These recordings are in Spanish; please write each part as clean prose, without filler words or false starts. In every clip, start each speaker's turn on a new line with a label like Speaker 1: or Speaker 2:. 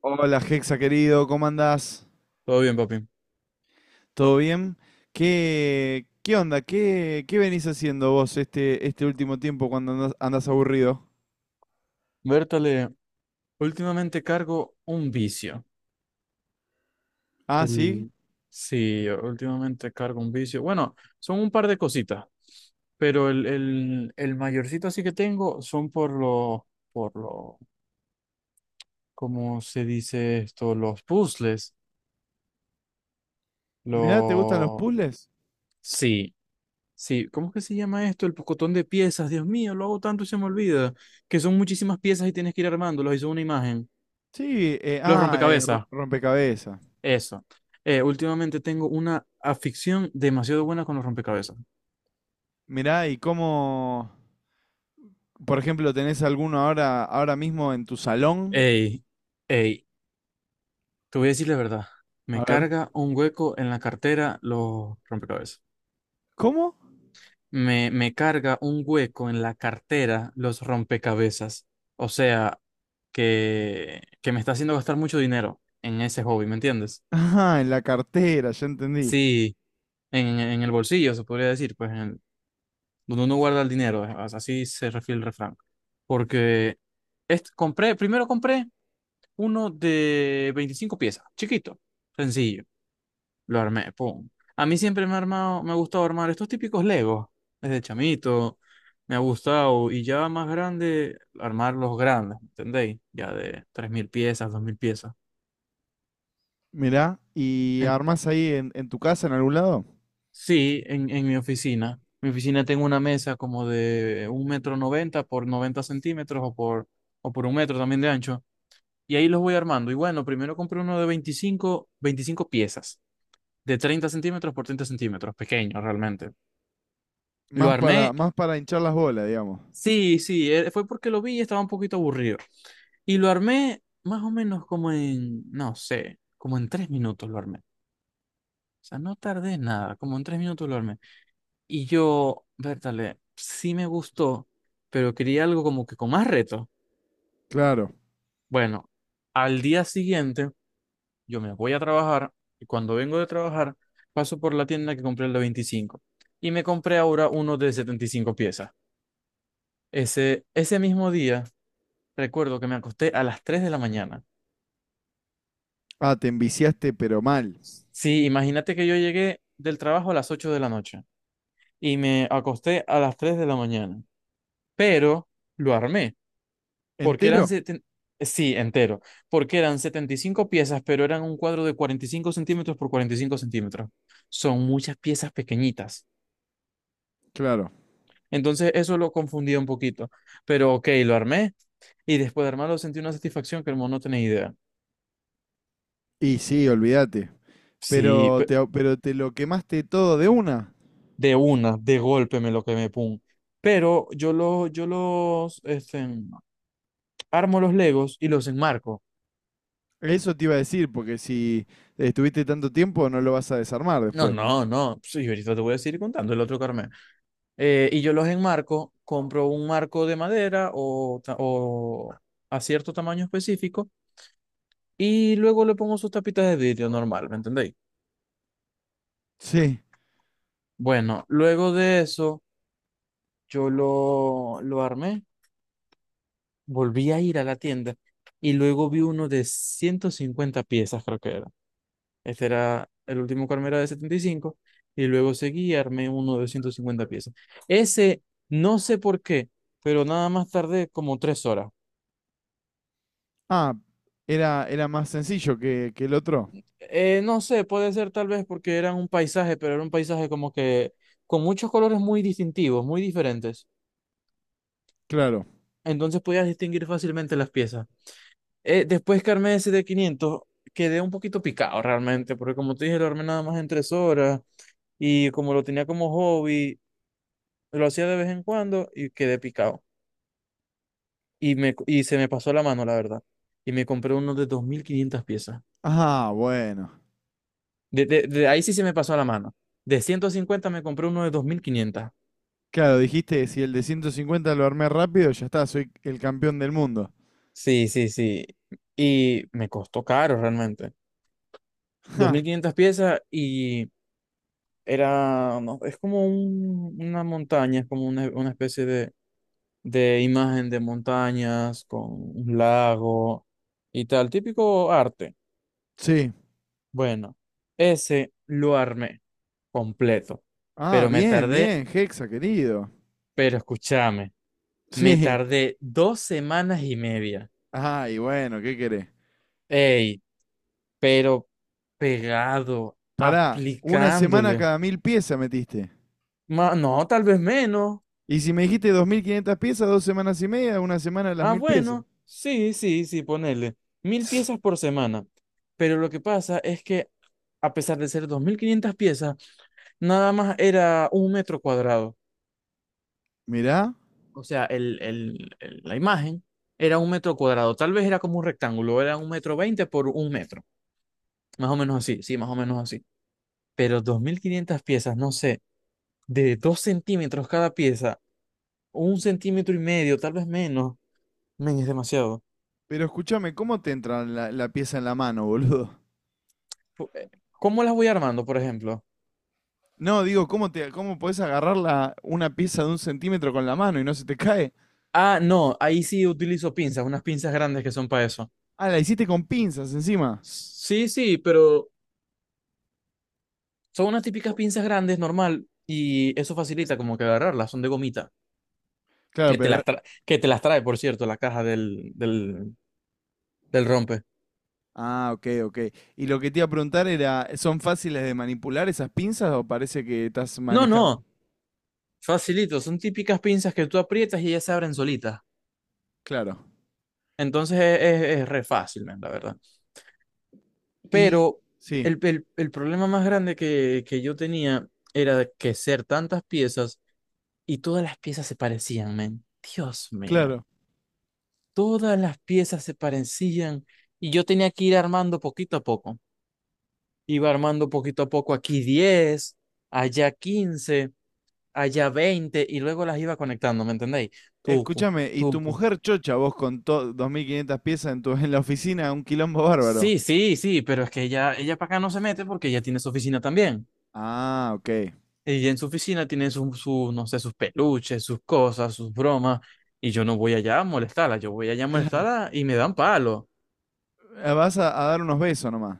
Speaker 1: Hola, Hexa querido, ¿cómo andás?
Speaker 2: Todo bien, papi.
Speaker 1: ¿Todo bien? ¿Qué onda? ¿Qué venís haciendo vos este último tiempo cuando andás aburrido?
Speaker 2: Bertale, últimamente cargo un vicio.
Speaker 1: Ah, sí.
Speaker 2: El... Sí, últimamente cargo un vicio. Bueno, son un par de cositas, pero el mayorcito así que tengo son por los, por lo, ¿cómo se dice esto? Los puzzles.
Speaker 1: Mirá, ¿te gustan los
Speaker 2: Los...
Speaker 1: puzzles?
Speaker 2: Sí, sí. ¿Cómo es que se llama esto? El pocotón de piezas. Dios mío, lo hago tanto y se me olvida. Que son muchísimas piezas y tienes que ir armándolas y son una imagen.
Speaker 1: Sí,
Speaker 2: Los rompecabezas.
Speaker 1: rompecabezas.
Speaker 2: Eso. Últimamente tengo una afición demasiado buena con los rompecabezas.
Speaker 1: Mirá, ¿y cómo, por ejemplo, tenés alguno ahora mismo en tu salón?
Speaker 2: Ey, ey, te voy a decir la verdad. Me
Speaker 1: A ver.
Speaker 2: carga un hueco en la cartera los rompecabezas.
Speaker 1: ¿Cómo?
Speaker 2: Me carga un hueco en la cartera los rompecabezas. O sea, que me está haciendo gastar mucho dinero en ese hobby, ¿me entiendes?
Speaker 1: Ah, en la cartera, ya entendí.
Speaker 2: Sí, en el bolsillo se podría decir, pues donde uno guarda el dinero, así se refiere el refrán. Porque primero compré uno de 25 piezas, chiquito, sencillo. Lo armé, pum. A mí siempre me ha gustado armar estos típicos Legos, desde chamito, me ha gustado, y ya más grande, armar los grandes, ¿me entendéis? Ya de 3000 piezas, 2000 piezas.
Speaker 1: Mirá, ¿y
Speaker 2: En-
Speaker 1: armás ahí en tu casa en algún lado?
Speaker 2: sí, en mi oficina. Mi oficina tengo una mesa como de un metro noventa por 90 centímetros o por un metro también de ancho. Y ahí los voy armando. Y bueno, primero compré uno de veinticinco piezas, de 30 centímetros por 30 centímetros, pequeño realmente. Lo
Speaker 1: Más para,
Speaker 2: armé,
Speaker 1: más para hinchar las bolas, digamos.
Speaker 2: sí, sí, fue porque lo vi y estaba un poquito aburrido. Y lo armé más o menos como en, no sé, como en 3 minutos lo armé. O sea, no tardé nada, como en 3 minutos lo armé. Y yo, Bertale, sí me gustó, pero quería algo como que con más reto.
Speaker 1: Claro.
Speaker 2: Bueno, al día siguiente yo me voy a trabajar y cuando vengo de trabajar paso por la tienda que compré el de 25 y me compré ahora uno de 75 piezas. Ese, ese mismo día recuerdo que me acosté a las 3 de la mañana.
Speaker 1: Ah, te enviciaste, pero mal.
Speaker 2: Sí, imagínate que yo llegué del trabajo a las 8 de la noche y me acosté a las 3 de la mañana, pero lo armé porque eran
Speaker 1: ¿Entero?
Speaker 2: sí, entero, porque eran 75 piezas, pero eran un cuadro de 45 centímetros por 45 centímetros. Son muchas piezas pequeñitas.
Speaker 1: Claro.
Speaker 2: Entonces eso lo confundía un poquito. Pero ok, lo armé y después de armarlo sentí una satisfacción que hermano no tenía idea.
Speaker 1: Y sí, olvídate.
Speaker 2: Sí,
Speaker 1: Pero te, pero te lo quemaste todo de una.
Speaker 2: de una, de golpe me lo quemé, pum. Pero yo, lo, yo los este, armo los Legos y los enmarco.
Speaker 1: Eso te iba a decir, porque si estuviste tanto tiempo no lo vas a desarmar
Speaker 2: No,
Speaker 1: después.
Speaker 2: no, no. Sí, ahorita te voy a seguir contando el otro que armé. Y yo los enmarco, compro un marco de madera o, o a cierto tamaño específico y luego le pongo sus tapitas de vidrio normal, ¿me entendéis?
Speaker 1: Sí.
Speaker 2: Bueno, luego de eso yo lo armé, volví a ir a la tienda y luego vi uno de 150 piezas, creo que era. Este era el último que armé era de setenta y cinco y luego seguí y armé uno de 150 piezas. Ese, no sé por qué, pero nada más tardé como 3 horas.
Speaker 1: Ah, era más sencillo que el otro.
Speaker 2: No sé, puede ser tal vez porque era un paisaje, pero era un paisaje como que con muchos colores muy distintivos, muy diferentes.
Speaker 1: Claro.
Speaker 2: Entonces podías distinguir fácilmente las piezas. Después que armé ese de 500 quedé un poquito picado realmente, porque como te dije, lo armé nada más en 3 horas y como lo tenía como hobby, lo hacía de vez en cuando y quedé picado. Y, me, y se me pasó la mano, la verdad. Y me compré uno de 2500 piezas.
Speaker 1: Ah, bueno.
Speaker 2: De ahí sí se me pasó la mano. De 150 me compré uno de dos mil quinientas.
Speaker 1: Claro, dijiste, si el de 150 lo armé rápido, ya está, soy el campeón del mundo.
Speaker 2: Sí, sí, sí. Y me costó caro realmente. dos
Speaker 1: Ja,
Speaker 2: mil quinientas piezas y era, no, es como una montaña, es como una especie de imagen de montañas con un lago y tal, típico arte.
Speaker 1: sí.
Speaker 2: Bueno, ese lo armé completo,
Speaker 1: Ah,
Speaker 2: pero me
Speaker 1: bien,
Speaker 2: tardé,
Speaker 1: bien, Hexa, querido.
Speaker 2: pero escúchame, me
Speaker 1: Sí.
Speaker 2: tardé 2 semanas y media.
Speaker 1: Ay, bueno, ¿qué querés?
Speaker 2: Ey, pero pegado,
Speaker 1: Pará, una semana
Speaker 2: aplicándole.
Speaker 1: cada 1.000 piezas metiste.
Speaker 2: No, tal vez menos.
Speaker 1: Y si me dijiste 2.500 piezas, 2 semanas y media, una semana las
Speaker 2: Ah,
Speaker 1: 1.000 piezas.
Speaker 2: bueno, sí, sí, sí, ponele. 1000 piezas por semana. Pero lo que pasa es que, a pesar de ser 2500 piezas, nada más era un metro cuadrado.
Speaker 1: Mirá,
Speaker 2: O sea, la imagen era un metro cuadrado. Tal vez era como un rectángulo, era un metro veinte por un metro. Más o menos así, sí, más o menos así. Pero 2500 piezas, no sé, de 2 centímetros cada pieza, un centímetro y medio, tal vez menos. Men, es demasiado.
Speaker 1: pero escúchame, ¿cómo te entra la pieza en la mano, boludo?
Speaker 2: Pu- eh, ¿Cómo las voy armando, por ejemplo?
Speaker 1: No, digo, ¿cómo podés agarrar una pieza de 1 centímetro con la mano y no se te cae?
Speaker 2: Ah, no, ahí sí utilizo pinzas, unas pinzas grandes que son para eso.
Speaker 1: Ah, la hiciste con pinzas encima.
Speaker 2: Sí, sí, pero son unas típicas pinzas grandes, normal, y eso facilita como que agarrarlas, son de gomita,
Speaker 1: Claro, pero.
Speaker 2: que te las trae, por cierto, la caja del rompe.
Speaker 1: Ah, ok, ok. Y lo que te iba a preguntar era, ¿son fáciles de manipular esas pinzas o parece que estás
Speaker 2: No,
Speaker 1: manejando?
Speaker 2: no, facilito, son típicas pinzas que tú aprietas y ellas se abren solitas.
Speaker 1: Claro.
Speaker 2: Entonces es re fácil, man, la verdad.
Speaker 1: Y...
Speaker 2: Pero
Speaker 1: Sí,
Speaker 2: el problema más grande que yo tenía era de que ser tantas piezas y todas las piezas se parecían, men. Dios mío.
Speaker 1: claro.
Speaker 2: Todas las piezas se parecían. Y yo tenía que ir armando poquito a poco. Iba armando poquito a poco aquí 10, allá 15, allá 20 y luego las iba conectando, ¿me entendéis? Tuco,
Speaker 1: Escúchame, y tu
Speaker 2: tuco.
Speaker 1: mujer chocha vos con 2.500 piezas en la oficina, un quilombo bárbaro.
Speaker 2: Sí, sí, sí, pero es que ella para acá no se mete porque ella tiene su oficina también.
Speaker 1: Ah, ok.
Speaker 2: Ella en su oficina tiene su, su, no sé, sus peluches, sus cosas, sus bromas, y yo no voy allá a molestarla, yo voy allá a molestarla y me dan palo.
Speaker 1: Vas a dar unos besos nomás,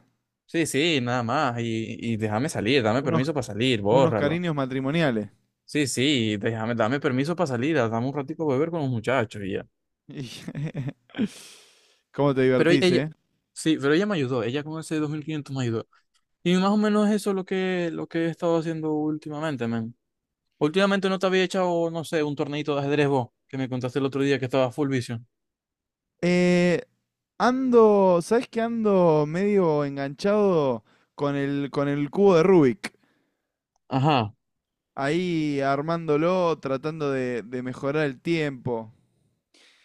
Speaker 2: Sí, sí, nada más. Y déjame salir, dame
Speaker 1: unos,
Speaker 2: permiso para salir,
Speaker 1: unos
Speaker 2: bórralo.
Speaker 1: cariños matrimoniales.
Speaker 2: Sí, sí, déjame, dame permiso para salir, dame un ratico a beber con los muchachos y ya.
Speaker 1: Y- ¿Cómo te
Speaker 2: Pero
Speaker 1: divertís,
Speaker 2: ella,
Speaker 1: eh?
Speaker 2: sí, pero ella me ayudó, ella con ese 2500 me ayudó. Y más o menos eso es lo que he estado haciendo últimamente, men. Últimamente no te había echado, no sé, un torneito de ajedrez vos, que me contaste el otro día que estaba full vision.
Speaker 1: Eh, ando, ¿sabés que ando medio enganchado con el cubo de Rubik?
Speaker 2: Ajá,
Speaker 1: Ahí armándolo, tratando de mejorar el tiempo.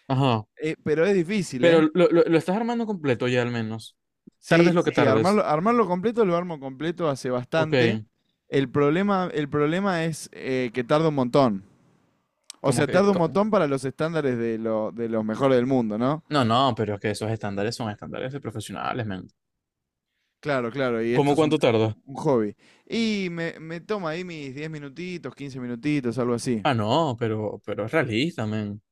Speaker 2: ajá.
Speaker 1: Pero es difícil,
Speaker 2: Pero
Speaker 1: ¿eh?
Speaker 2: lo estás armando completo ya al menos.
Speaker 1: Sí,
Speaker 2: Tardes lo que
Speaker 1: sí,
Speaker 2: tardes.
Speaker 1: armarlo, armarlo completo, lo armo completo hace
Speaker 2: Ok,
Speaker 1: bastante. El problema es que tarda un montón. O
Speaker 2: como
Speaker 1: sea,
Speaker 2: que,
Speaker 1: tarda un
Speaker 2: co-
Speaker 1: montón para los estándares de los mejores del mundo, ¿no?
Speaker 2: no, no, pero es que esos estándares son estándares de profesionales, men.
Speaker 1: Claro, claro, y esto
Speaker 2: ¿Cómo
Speaker 1: es un,
Speaker 2: cuánto tardas?
Speaker 1: un hobby. Y me toma ahí mis 10 minutitos, 15 minutitos, algo así.
Speaker 2: Ah, no, pero es realista, men.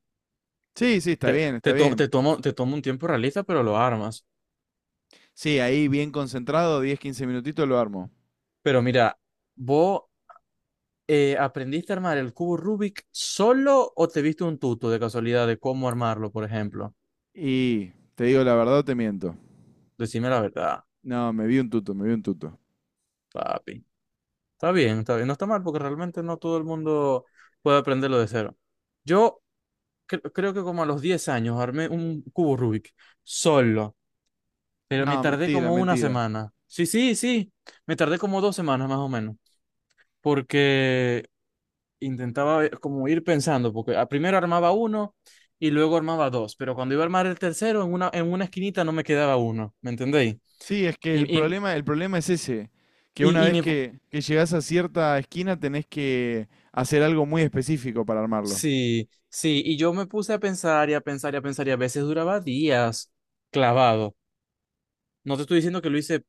Speaker 1: Sí, sí, está
Speaker 2: Te,
Speaker 1: bien, está
Speaker 2: te, to-
Speaker 1: bien.
Speaker 2: te tomo, te tomo un tiempo realista, pero lo armas.
Speaker 1: Sí, ahí bien concentrado, 10, 15 minutitos lo armo.
Speaker 2: Pero mira, ¿vos aprendiste a armar el cubo Rubik solo o te viste un tuto de casualidad de cómo armarlo, por ejemplo?
Speaker 1: Y te digo la verdad, o te miento.
Speaker 2: Decime la verdad,
Speaker 1: No, me vi un tuto, me vi un tuto.
Speaker 2: papi. Está bien, está bien. No está mal porque realmente no todo el mundo puede aprenderlo de cero. Yo creo que como a los 10 años armé un cubo Rubik solo. Pero me
Speaker 1: No,
Speaker 2: tardé
Speaker 1: mentira,
Speaker 2: como una
Speaker 1: mentira.
Speaker 2: semana. Sí, sí, sí. Me tardé como 2 semanas más o menos. Porque intentaba como ir pensando, porque primero armaba uno y luego armaba dos. Pero cuando iba a armar el tercero, en una esquinita no me quedaba uno. ¿Me entendéis?
Speaker 1: Sí, es que
Speaker 2: Y, y,
Speaker 1: el problema es ese, que una
Speaker 2: y, y
Speaker 1: vez
Speaker 2: me, pu-
Speaker 1: que llegás a cierta esquina tenés que hacer algo muy específico para armarlo.
Speaker 2: sí, sí, y yo me puse a pensar y a pensar y a pensar y a veces duraba días clavado. No te estoy diciendo que lo hice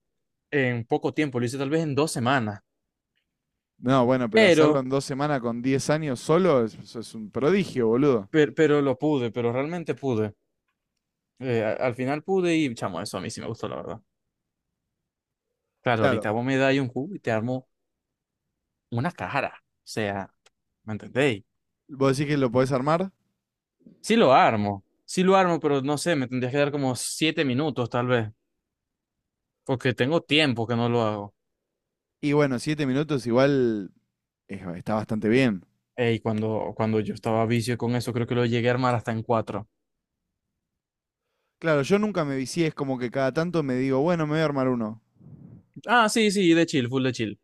Speaker 2: en poco tiempo, lo hice tal vez en 2 semanas,
Speaker 1: No, bueno, pero hacerlo
Speaker 2: pero
Speaker 1: en 2 semanas con 10 años solo es, eso es un prodigio, boludo.
Speaker 2: pero lo pude, pero realmente pude. Al final pude y, chamo, eso a mí sí me gustó, la verdad. Claro,
Speaker 1: Claro,
Speaker 2: ahorita vos me dais un cubo y te armo una cara. O sea, ¿me entendéis?
Speaker 1: vos decís que lo podés armar
Speaker 2: Sí lo armo, pero no sé, me tendrías que dar como 7 minutos tal vez, porque tengo tiempo que no lo hago.
Speaker 1: y bueno, 7 minutos igual está bastante bien.
Speaker 2: Ey, cuando yo estaba a vicio con eso, creo que lo llegué a armar hasta en cuatro.
Speaker 1: Claro, yo nunca me vicié, es como que cada tanto me digo, bueno, me voy a armar uno.
Speaker 2: Ah, sí, sí, de chill, full de chill.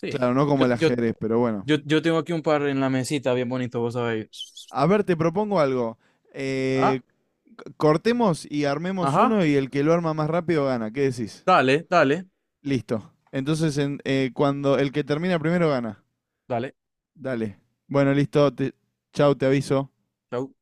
Speaker 2: Sí.
Speaker 1: Claro, no como
Speaker 2: Yo,
Speaker 1: el
Speaker 2: yo,
Speaker 1: ajedrez, pero bueno.
Speaker 2: yo tengo aquí un par en la mesita, bien bonito, vos sabéis.
Speaker 1: A ver, te propongo algo.
Speaker 2: Ah,
Speaker 1: Eh, Cortemos y armemos
Speaker 2: ajá,
Speaker 1: uno y el que lo arma más rápido gana. ¿Qué decís?
Speaker 2: dale, dale.
Speaker 1: Listo. Entonces, cuando el que termina primero gana.
Speaker 2: Dale,
Speaker 1: Dale. Bueno, listo. Chau, te aviso.
Speaker 2: chau.